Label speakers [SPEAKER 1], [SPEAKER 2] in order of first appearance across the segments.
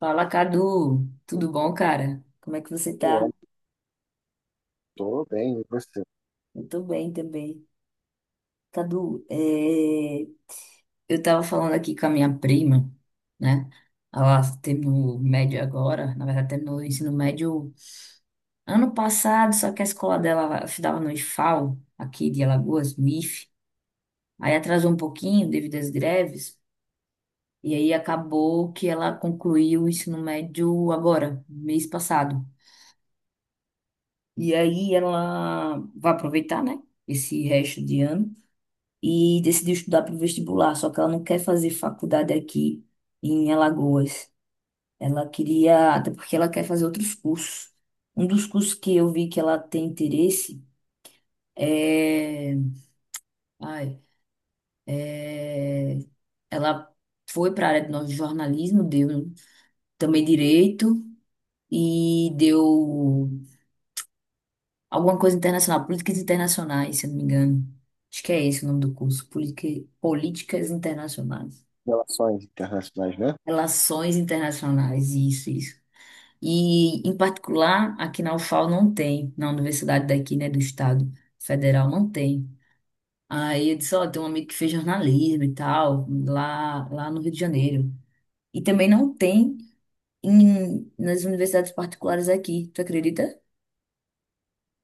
[SPEAKER 1] Fala, Cadu. Tudo bom, cara? Como é que você tá?
[SPEAKER 2] Eu tô bem, e você?
[SPEAKER 1] Eu tô bem também. Cadu, eu tava falando aqui com a minha prima, né? Ela terminou o médio agora, na verdade, terminou o ensino médio ano passado, só que a escola dela estudava no IFAL, aqui de Alagoas, no IF. Aí atrasou um pouquinho devido às greves, e aí acabou que ela concluiu o ensino médio agora, mês passado. E aí ela vai aproveitar, né? Esse resto de ano e decidiu estudar para o vestibular, só que ela não quer fazer faculdade aqui em Alagoas. Ela queria, até porque ela quer fazer outros cursos. Um dos cursos que eu vi que ela tem interesse é, ai, é, ela foi para a área de jornalismo, deu também direito e deu alguma coisa internacional, políticas internacionais, se eu não me engano. Acho que é esse o nome do curso, políticas internacionais.
[SPEAKER 2] Relações internacionais, né?
[SPEAKER 1] Relações internacionais, isso, isso. E, em particular, aqui na UFAL não tem, na universidade daqui, né, do Estado Federal, não tem. Aí eu disse, ó, tem um amigo que fez jornalismo e tal, lá no Rio de Janeiro. E também não tem nas universidades particulares aqui, tu acredita?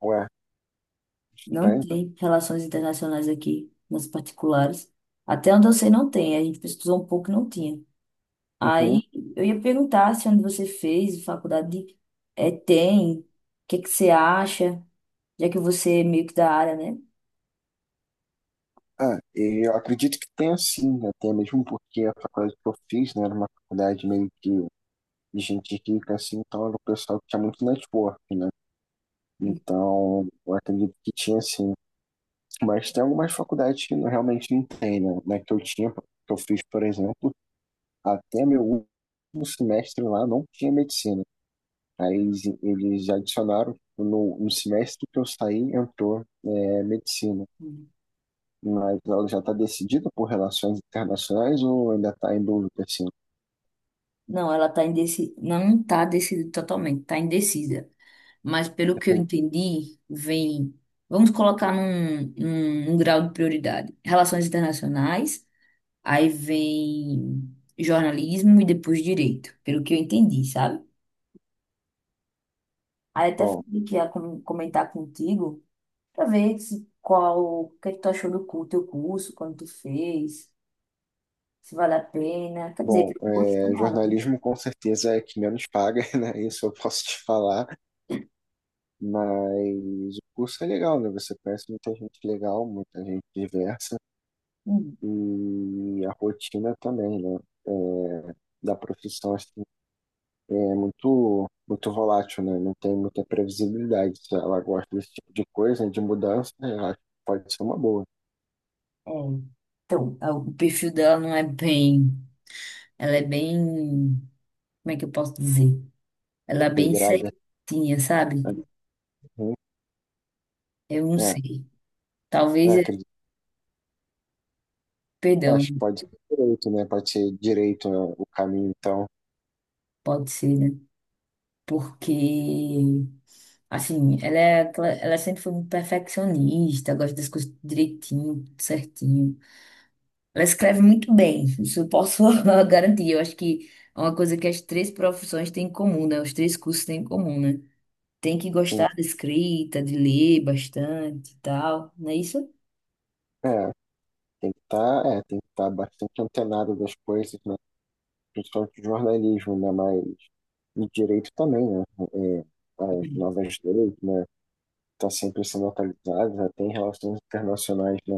[SPEAKER 2] Ué,
[SPEAKER 1] Não
[SPEAKER 2] estranho.
[SPEAKER 1] tem relações internacionais aqui, nas particulares. Até onde eu sei, não tem. A gente pesquisou um pouco e não tinha.
[SPEAKER 2] Uhum.
[SPEAKER 1] Aí eu ia perguntar se onde você fez é, tem, o que que você acha, já que você é meio que da área, né?
[SPEAKER 2] Ah, e eu acredito que tenha sim, né? Tem mesmo porque a faculdade que eu fiz, né, era uma faculdade meio que de gente rica, assim, então era o pessoal que tinha muito network, né? Então, eu acredito que tinha sim. Mas tem algumas faculdades que realmente não tem, né? Na que eu tinha, que eu fiz, por exemplo, até meu último semestre lá não tinha medicina. Aí eles adicionaram, no semestre que eu saí, entrou medicina.
[SPEAKER 1] Hum.
[SPEAKER 2] Mas ela já está decidida por relações internacionais ou ainda está em dúvida, assim?
[SPEAKER 1] Não, ela tá indecisa. Não tá decidida totalmente, tá indecisa. Mas pelo que eu entendi, vem. Vamos colocar num grau de prioridade. Relações internacionais. Aí vem jornalismo e depois direito, pelo que eu entendi, sabe? Aí até
[SPEAKER 2] Bom,
[SPEAKER 1] falei que ia comentar contigo pra ver se, qual, o que é que tu achou do teu curso, quando tu fez, se vale a pena. Quer dizer,
[SPEAKER 2] bom,
[SPEAKER 1] eu gosto
[SPEAKER 2] é,
[SPEAKER 1] não, né?
[SPEAKER 2] jornalismo com certeza é que menos paga, né? Isso eu posso te falar, mas o curso é legal, né? Você conhece muita gente legal, muita gente diversa
[SPEAKER 1] Hum,
[SPEAKER 2] e a rotina também, né? É, da profissão assim, é muito, muito volátil, né? Não tem muita previsibilidade. Se ela gosta desse tipo de coisa, né de mudança, né, eu acho que pode ser uma boa.
[SPEAKER 1] é. Então, o perfil dela não é bem. Ela é bem. Como é que eu posso dizer? Ela é bem
[SPEAKER 2] Regrada,
[SPEAKER 1] certinha, sabe?
[SPEAKER 2] né? Uhum.
[SPEAKER 1] Eu não
[SPEAKER 2] É,
[SPEAKER 1] sei.
[SPEAKER 2] eu
[SPEAKER 1] Talvez,
[SPEAKER 2] acredito.
[SPEAKER 1] perdão,
[SPEAKER 2] Acho que pode ser direito, né? Pode ser direito, né, o caminho, então.
[SPEAKER 1] pode ser, né? Porque assim, ela sempre foi muito perfeccionista, gosta das coisas direitinho, tudo certinho. Ela escreve muito bem, isso eu posso garantir. Eu acho que é uma coisa que as três profissões têm em comum, né? Os três cursos têm em comum, né? Tem que
[SPEAKER 2] Sim,
[SPEAKER 1] gostar da escrita, de ler bastante e tal, não é isso?
[SPEAKER 2] é, tem que estar bastante antenado das coisas, né? Principalmente o jornalismo, né? Mas e direito também, né? É, as
[SPEAKER 1] Uhum.
[SPEAKER 2] novas leis, né? Tá sempre sendo atualizadas, até em relações internacionais, né?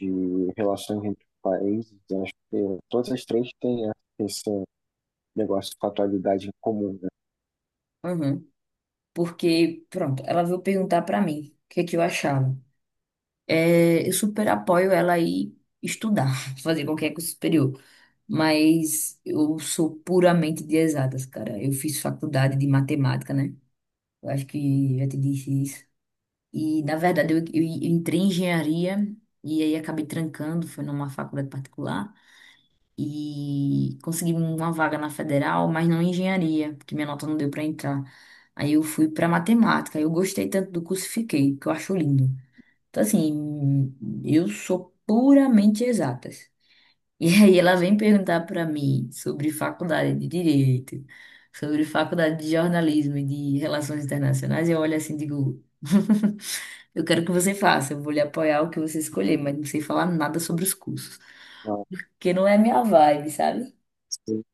[SPEAKER 2] De relações entre países, né, acho que todas as três têm né, esse negócio com a atualidade em comum, né?
[SPEAKER 1] Uhum. Porque, pronto, ela veio perguntar pra mim o que é que eu achava. É, eu super apoio ela a ir estudar, fazer qualquer curso superior. Mas eu sou puramente de exatas, cara. Eu fiz faculdade de matemática, né? Eu acho que já te disse isso. E, na verdade, eu entrei em engenharia e aí acabei trancando, foi numa faculdade particular. E consegui uma vaga na federal, mas não em engenharia, porque minha nota não deu para entrar. Aí eu fui para matemática. Eu gostei tanto do curso, e fiquei, que eu acho lindo. Então, assim, eu sou puramente exatas. E aí ela vem perguntar para mim sobre faculdade de direito, sobre faculdade de jornalismo e de relações internacionais, e eu olho assim e digo, eu quero que você faça, eu vou lhe apoiar o que você escolher, mas não sei falar nada sobre os cursos,
[SPEAKER 2] Ah,
[SPEAKER 1] porque não é minha vibe, sabe?
[SPEAKER 2] sim.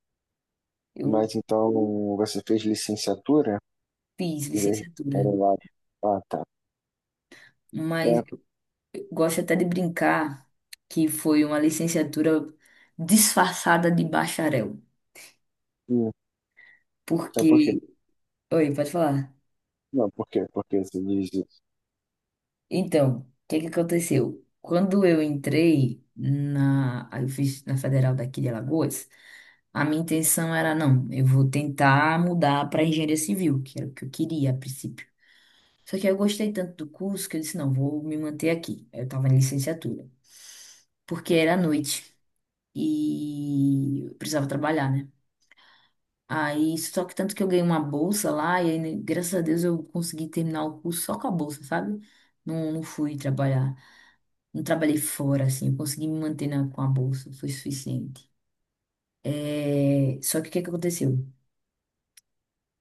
[SPEAKER 1] Eu
[SPEAKER 2] Mas então você fez licenciatura
[SPEAKER 1] fiz
[SPEAKER 2] em vez de
[SPEAKER 1] licenciatura,
[SPEAKER 2] para lado. Ah, tá.
[SPEAKER 1] mas
[SPEAKER 2] É,
[SPEAKER 1] eu gosto até de brincar que foi uma licenciatura disfarçada de bacharel,
[SPEAKER 2] hum, é
[SPEAKER 1] porque...
[SPEAKER 2] porque.
[SPEAKER 1] Oi, pode falar.
[SPEAKER 2] Não, por quê? Porque você diz isso.
[SPEAKER 1] Então, o que que aconteceu? Quando eu entrei eu fiz na Federal daqui de Alagoas, a minha intenção era, não, eu vou tentar mudar para engenharia civil, que era o que eu queria a princípio. Só que eu gostei tanto do curso que eu disse, não, vou me manter aqui. Eu estava em licenciatura, porque era à noite e eu precisava trabalhar, né? Aí, só que tanto que eu ganhei uma bolsa lá e aí, né, graças a Deus eu consegui terminar o curso só com a bolsa, sabe? Não fui trabalhar. Não trabalhei fora, assim, eu consegui me manter com a bolsa, foi suficiente. Só que o que que aconteceu?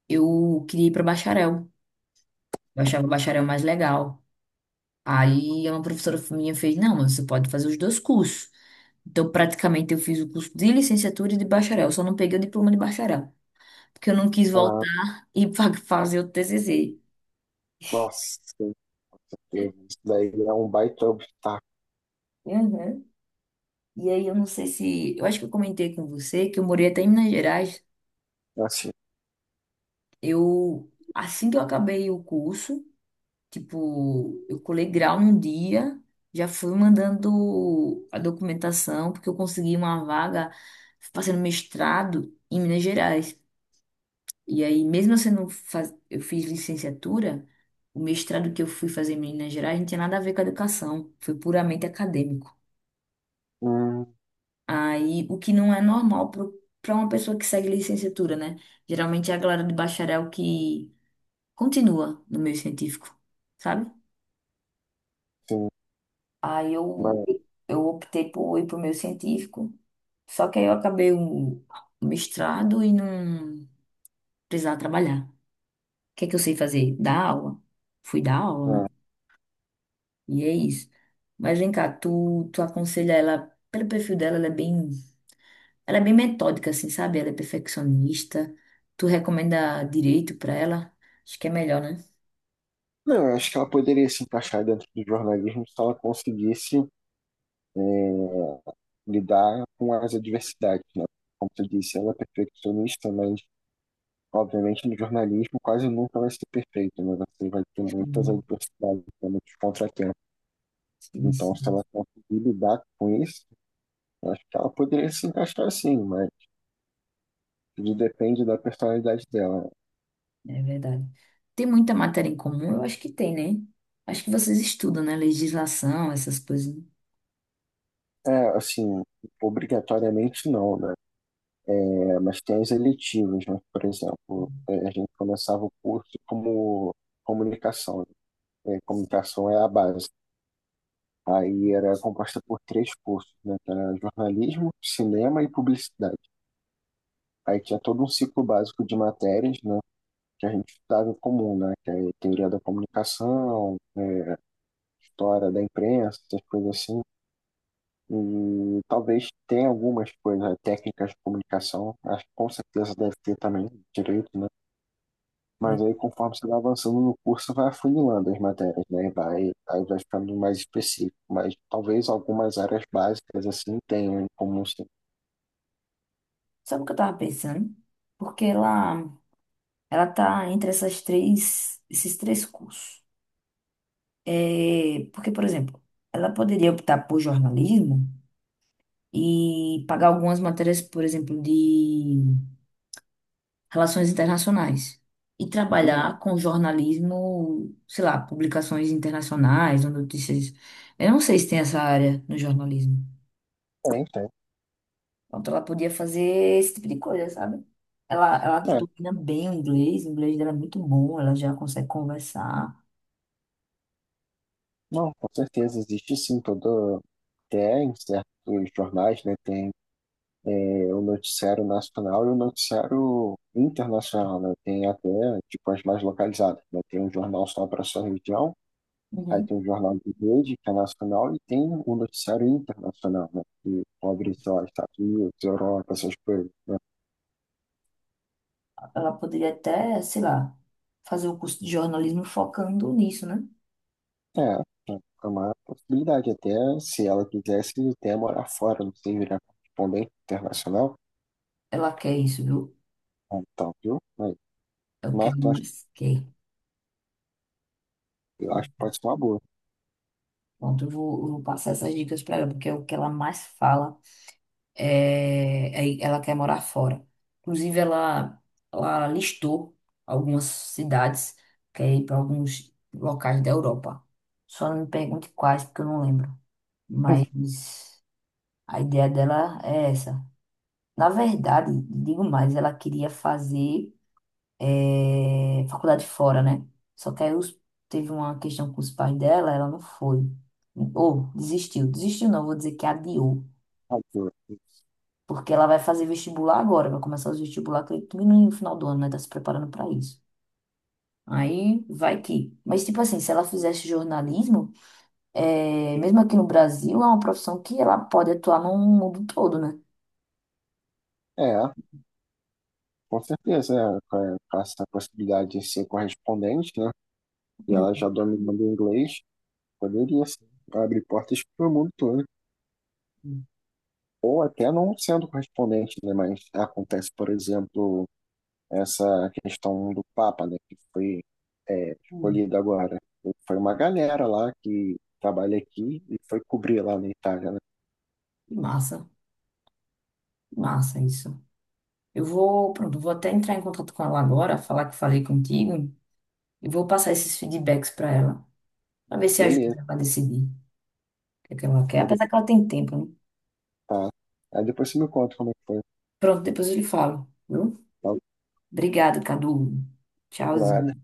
[SPEAKER 1] Eu queria ir para bacharel, eu achava o bacharel mais legal. Aí uma professora minha fez, não, mas você pode fazer os dois cursos. Então, praticamente, eu fiz o curso de licenciatura e de bacharel, só não peguei o diploma de bacharel, porque eu não quis
[SPEAKER 2] Ah,
[SPEAKER 1] voltar e fazer o TCC.
[SPEAKER 2] nossa, isso daí é um baita obstáculo.
[SPEAKER 1] Uhum. E aí, eu não sei se. Eu acho que eu comentei com você que eu morei até em Minas Gerais.
[SPEAKER 2] Assim,
[SPEAKER 1] Assim que eu acabei o curso, tipo, eu colei grau num dia, já fui mandando a documentação, porque eu consegui uma vaga fazendo mestrado em Minas Gerais. E aí, mesmo eu sendo, faz... eu fiz licenciatura, o mestrado que eu fui fazer em Minas Gerais não tinha nada a ver com a educação, foi puramente acadêmico.
[SPEAKER 2] hum,
[SPEAKER 1] Aí, o que não é normal para uma pessoa que segue licenciatura, né? Geralmente é a galera de bacharel que continua no meio científico, sabe?
[SPEAKER 2] sim,
[SPEAKER 1] Aí eu,
[SPEAKER 2] mas,
[SPEAKER 1] eu optei por ir para o meio científico. Só que aí eu acabei o mestrado e não precisava trabalhar. O que é que eu sei fazer? Dar aula. Fui dar aula, né?
[SPEAKER 2] ah,
[SPEAKER 1] E é isso. Mas vem cá, tu aconselha ela, pelo perfil dela, ela é bem metódica, assim, sabe? Ela é perfeccionista. Tu recomenda direito para ela? Acho que é melhor, né?
[SPEAKER 2] não, eu acho que ela poderia se encaixar dentro do jornalismo se ela conseguisse eh, lidar com as adversidades, né? Como tu disse, ela é perfeccionista, mas obviamente no jornalismo quase nunca vai ser perfeito, né? Você vai ter muitas
[SPEAKER 1] Hum,
[SPEAKER 2] adversidades, né, muitos contratempos.
[SPEAKER 1] sim,
[SPEAKER 2] Então, se
[SPEAKER 1] sim.
[SPEAKER 2] ela conseguir lidar com isso, eu acho que ela poderia se encaixar assim mas tudo depende da personalidade dela.
[SPEAKER 1] É verdade. Tem muita matéria em comum? Eu acho que tem, né? Acho que vocês estudam, né? Legislação, essas coisas.
[SPEAKER 2] É, assim, obrigatoriamente não, né? É, mas tem as eletivas, né? Por exemplo, a gente começava o curso como comunicação. Né? É, comunicação é a base. Aí era composta por três cursos, né? Que era jornalismo, cinema e publicidade. Aí tinha todo um ciclo básico de matérias, né? Que a gente estudava em comum, né? Que é teoria da comunicação, né, história da imprensa, essas coisas assim. E talvez tenha algumas coisas, né, técnicas de comunicação, acho que com certeza deve ter também direito, né?
[SPEAKER 1] Né?
[SPEAKER 2] Mas aí, conforme você vai avançando no curso, vai afunilando as matérias, né? Aí vai ficando mais específico. Mas talvez algumas áreas básicas, assim, tenham em comum. Sim.
[SPEAKER 1] Sabe o que eu tava pensando? Porque ela tá entre esses três cursos. É, porque, por exemplo, ela poderia optar por jornalismo e pagar algumas matérias, por exemplo, de relações internacionais. E
[SPEAKER 2] Hum.
[SPEAKER 1] trabalhar com jornalismo, sei lá, publicações internacionais ou notícias. Eu não sei se tem essa área no jornalismo.
[SPEAKER 2] Tem, tem.
[SPEAKER 1] Pronto, ela podia fazer esse tipo de coisa, sabe? Ela
[SPEAKER 2] É,
[SPEAKER 1] domina bem o inglês dela é muito bom, ela já consegue conversar.
[SPEAKER 2] não, com certeza. Existe, sim, todo... Até em certos jornais, né? Tem o noticiário nacional e o noticiário internacional, né? Tem até, tipo, as mais localizadas, né? Tem um jornal só para sua região. Aí
[SPEAKER 1] Uhum.
[SPEAKER 2] tem o jornal de rede, que é nacional, e tem o noticiário internacional, né? Que cobre, sei lá, Estados Unidos, Europa, essas coisas.
[SPEAKER 1] Ela poderia até, sei lá, fazer o curso de jornalismo focando nisso, né?
[SPEAKER 2] É, é uma possibilidade. Até se ela quisesse, até morar fora, não sei, virar correspondente internacional.
[SPEAKER 1] Ela quer isso, viu?
[SPEAKER 2] Ah, então, viu? Mas,
[SPEAKER 1] Eu
[SPEAKER 2] mas
[SPEAKER 1] quero
[SPEAKER 2] eu acho,
[SPEAKER 1] mais, quer.
[SPEAKER 2] eu acho que pode ser uma boa.
[SPEAKER 1] Pronto, eu vou passar essas dicas para ela, porque é o que ela mais fala. É, aí ela quer morar fora. Inclusive, ela listou algumas cidades, quer ir para alguns locais da Europa. Só não me pergunte quais, porque eu não lembro. Mas a ideia dela é essa. Na verdade, digo mais, ela queria fazer faculdade fora, né? Só que aí teve uma questão com os pais dela, ela não foi. Ou desistiu. Desistiu não, vou dizer que adiou.
[SPEAKER 2] Ah, viu?
[SPEAKER 1] Porque ela vai fazer vestibular agora, vai começar os vestibular, acredito que no final do ano, né? Tá se preparando para isso. Aí vai que. Mas, tipo assim, se ela fizesse jornalismo, é, mesmo aqui no Brasil, é uma profissão que ela pode atuar no mundo todo, né?
[SPEAKER 2] É, com certeza, com essa possibilidade de ser correspondente, né? E ela já
[SPEAKER 1] Uhum,
[SPEAKER 2] dominando o inglês, poderia, sim, abrir portas para o mundo todo.
[SPEAKER 1] uhum,
[SPEAKER 2] Ou até não sendo correspondente, né? Mas acontece, por exemplo, essa questão do Papa, né? Que foi
[SPEAKER 1] uhum.
[SPEAKER 2] escolhido agora. Foi uma galera lá que trabalha aqui e foi cobrir lá na Itália, né?
[SPEAKER 1] Que massa, que massa isso. Pronto, eu vou até entrar em contato com ela agora, falar que falei contigo, e vou passar esses feedbacks para ela, para ver se ajuda
[SPEAKER 2] Beleza.
[SPEAKER 1] ela a decidir o que é que ela quer,
[SPEAKER 2] Aí
[SPEAKER 1] apesar
[SPEAKER 2] depois,
[SPEAKER 1] que ela tem tempo, né?
[SPEAKER 2] tá. Aí depois você me conta como é que foi.
[SPEAKER 1] Pronto, depois eu lhe falo, viu? Obrigado, Cadu.
[SPEAKER 2] Tá?
[SPEAKER 1] Tchauzinho.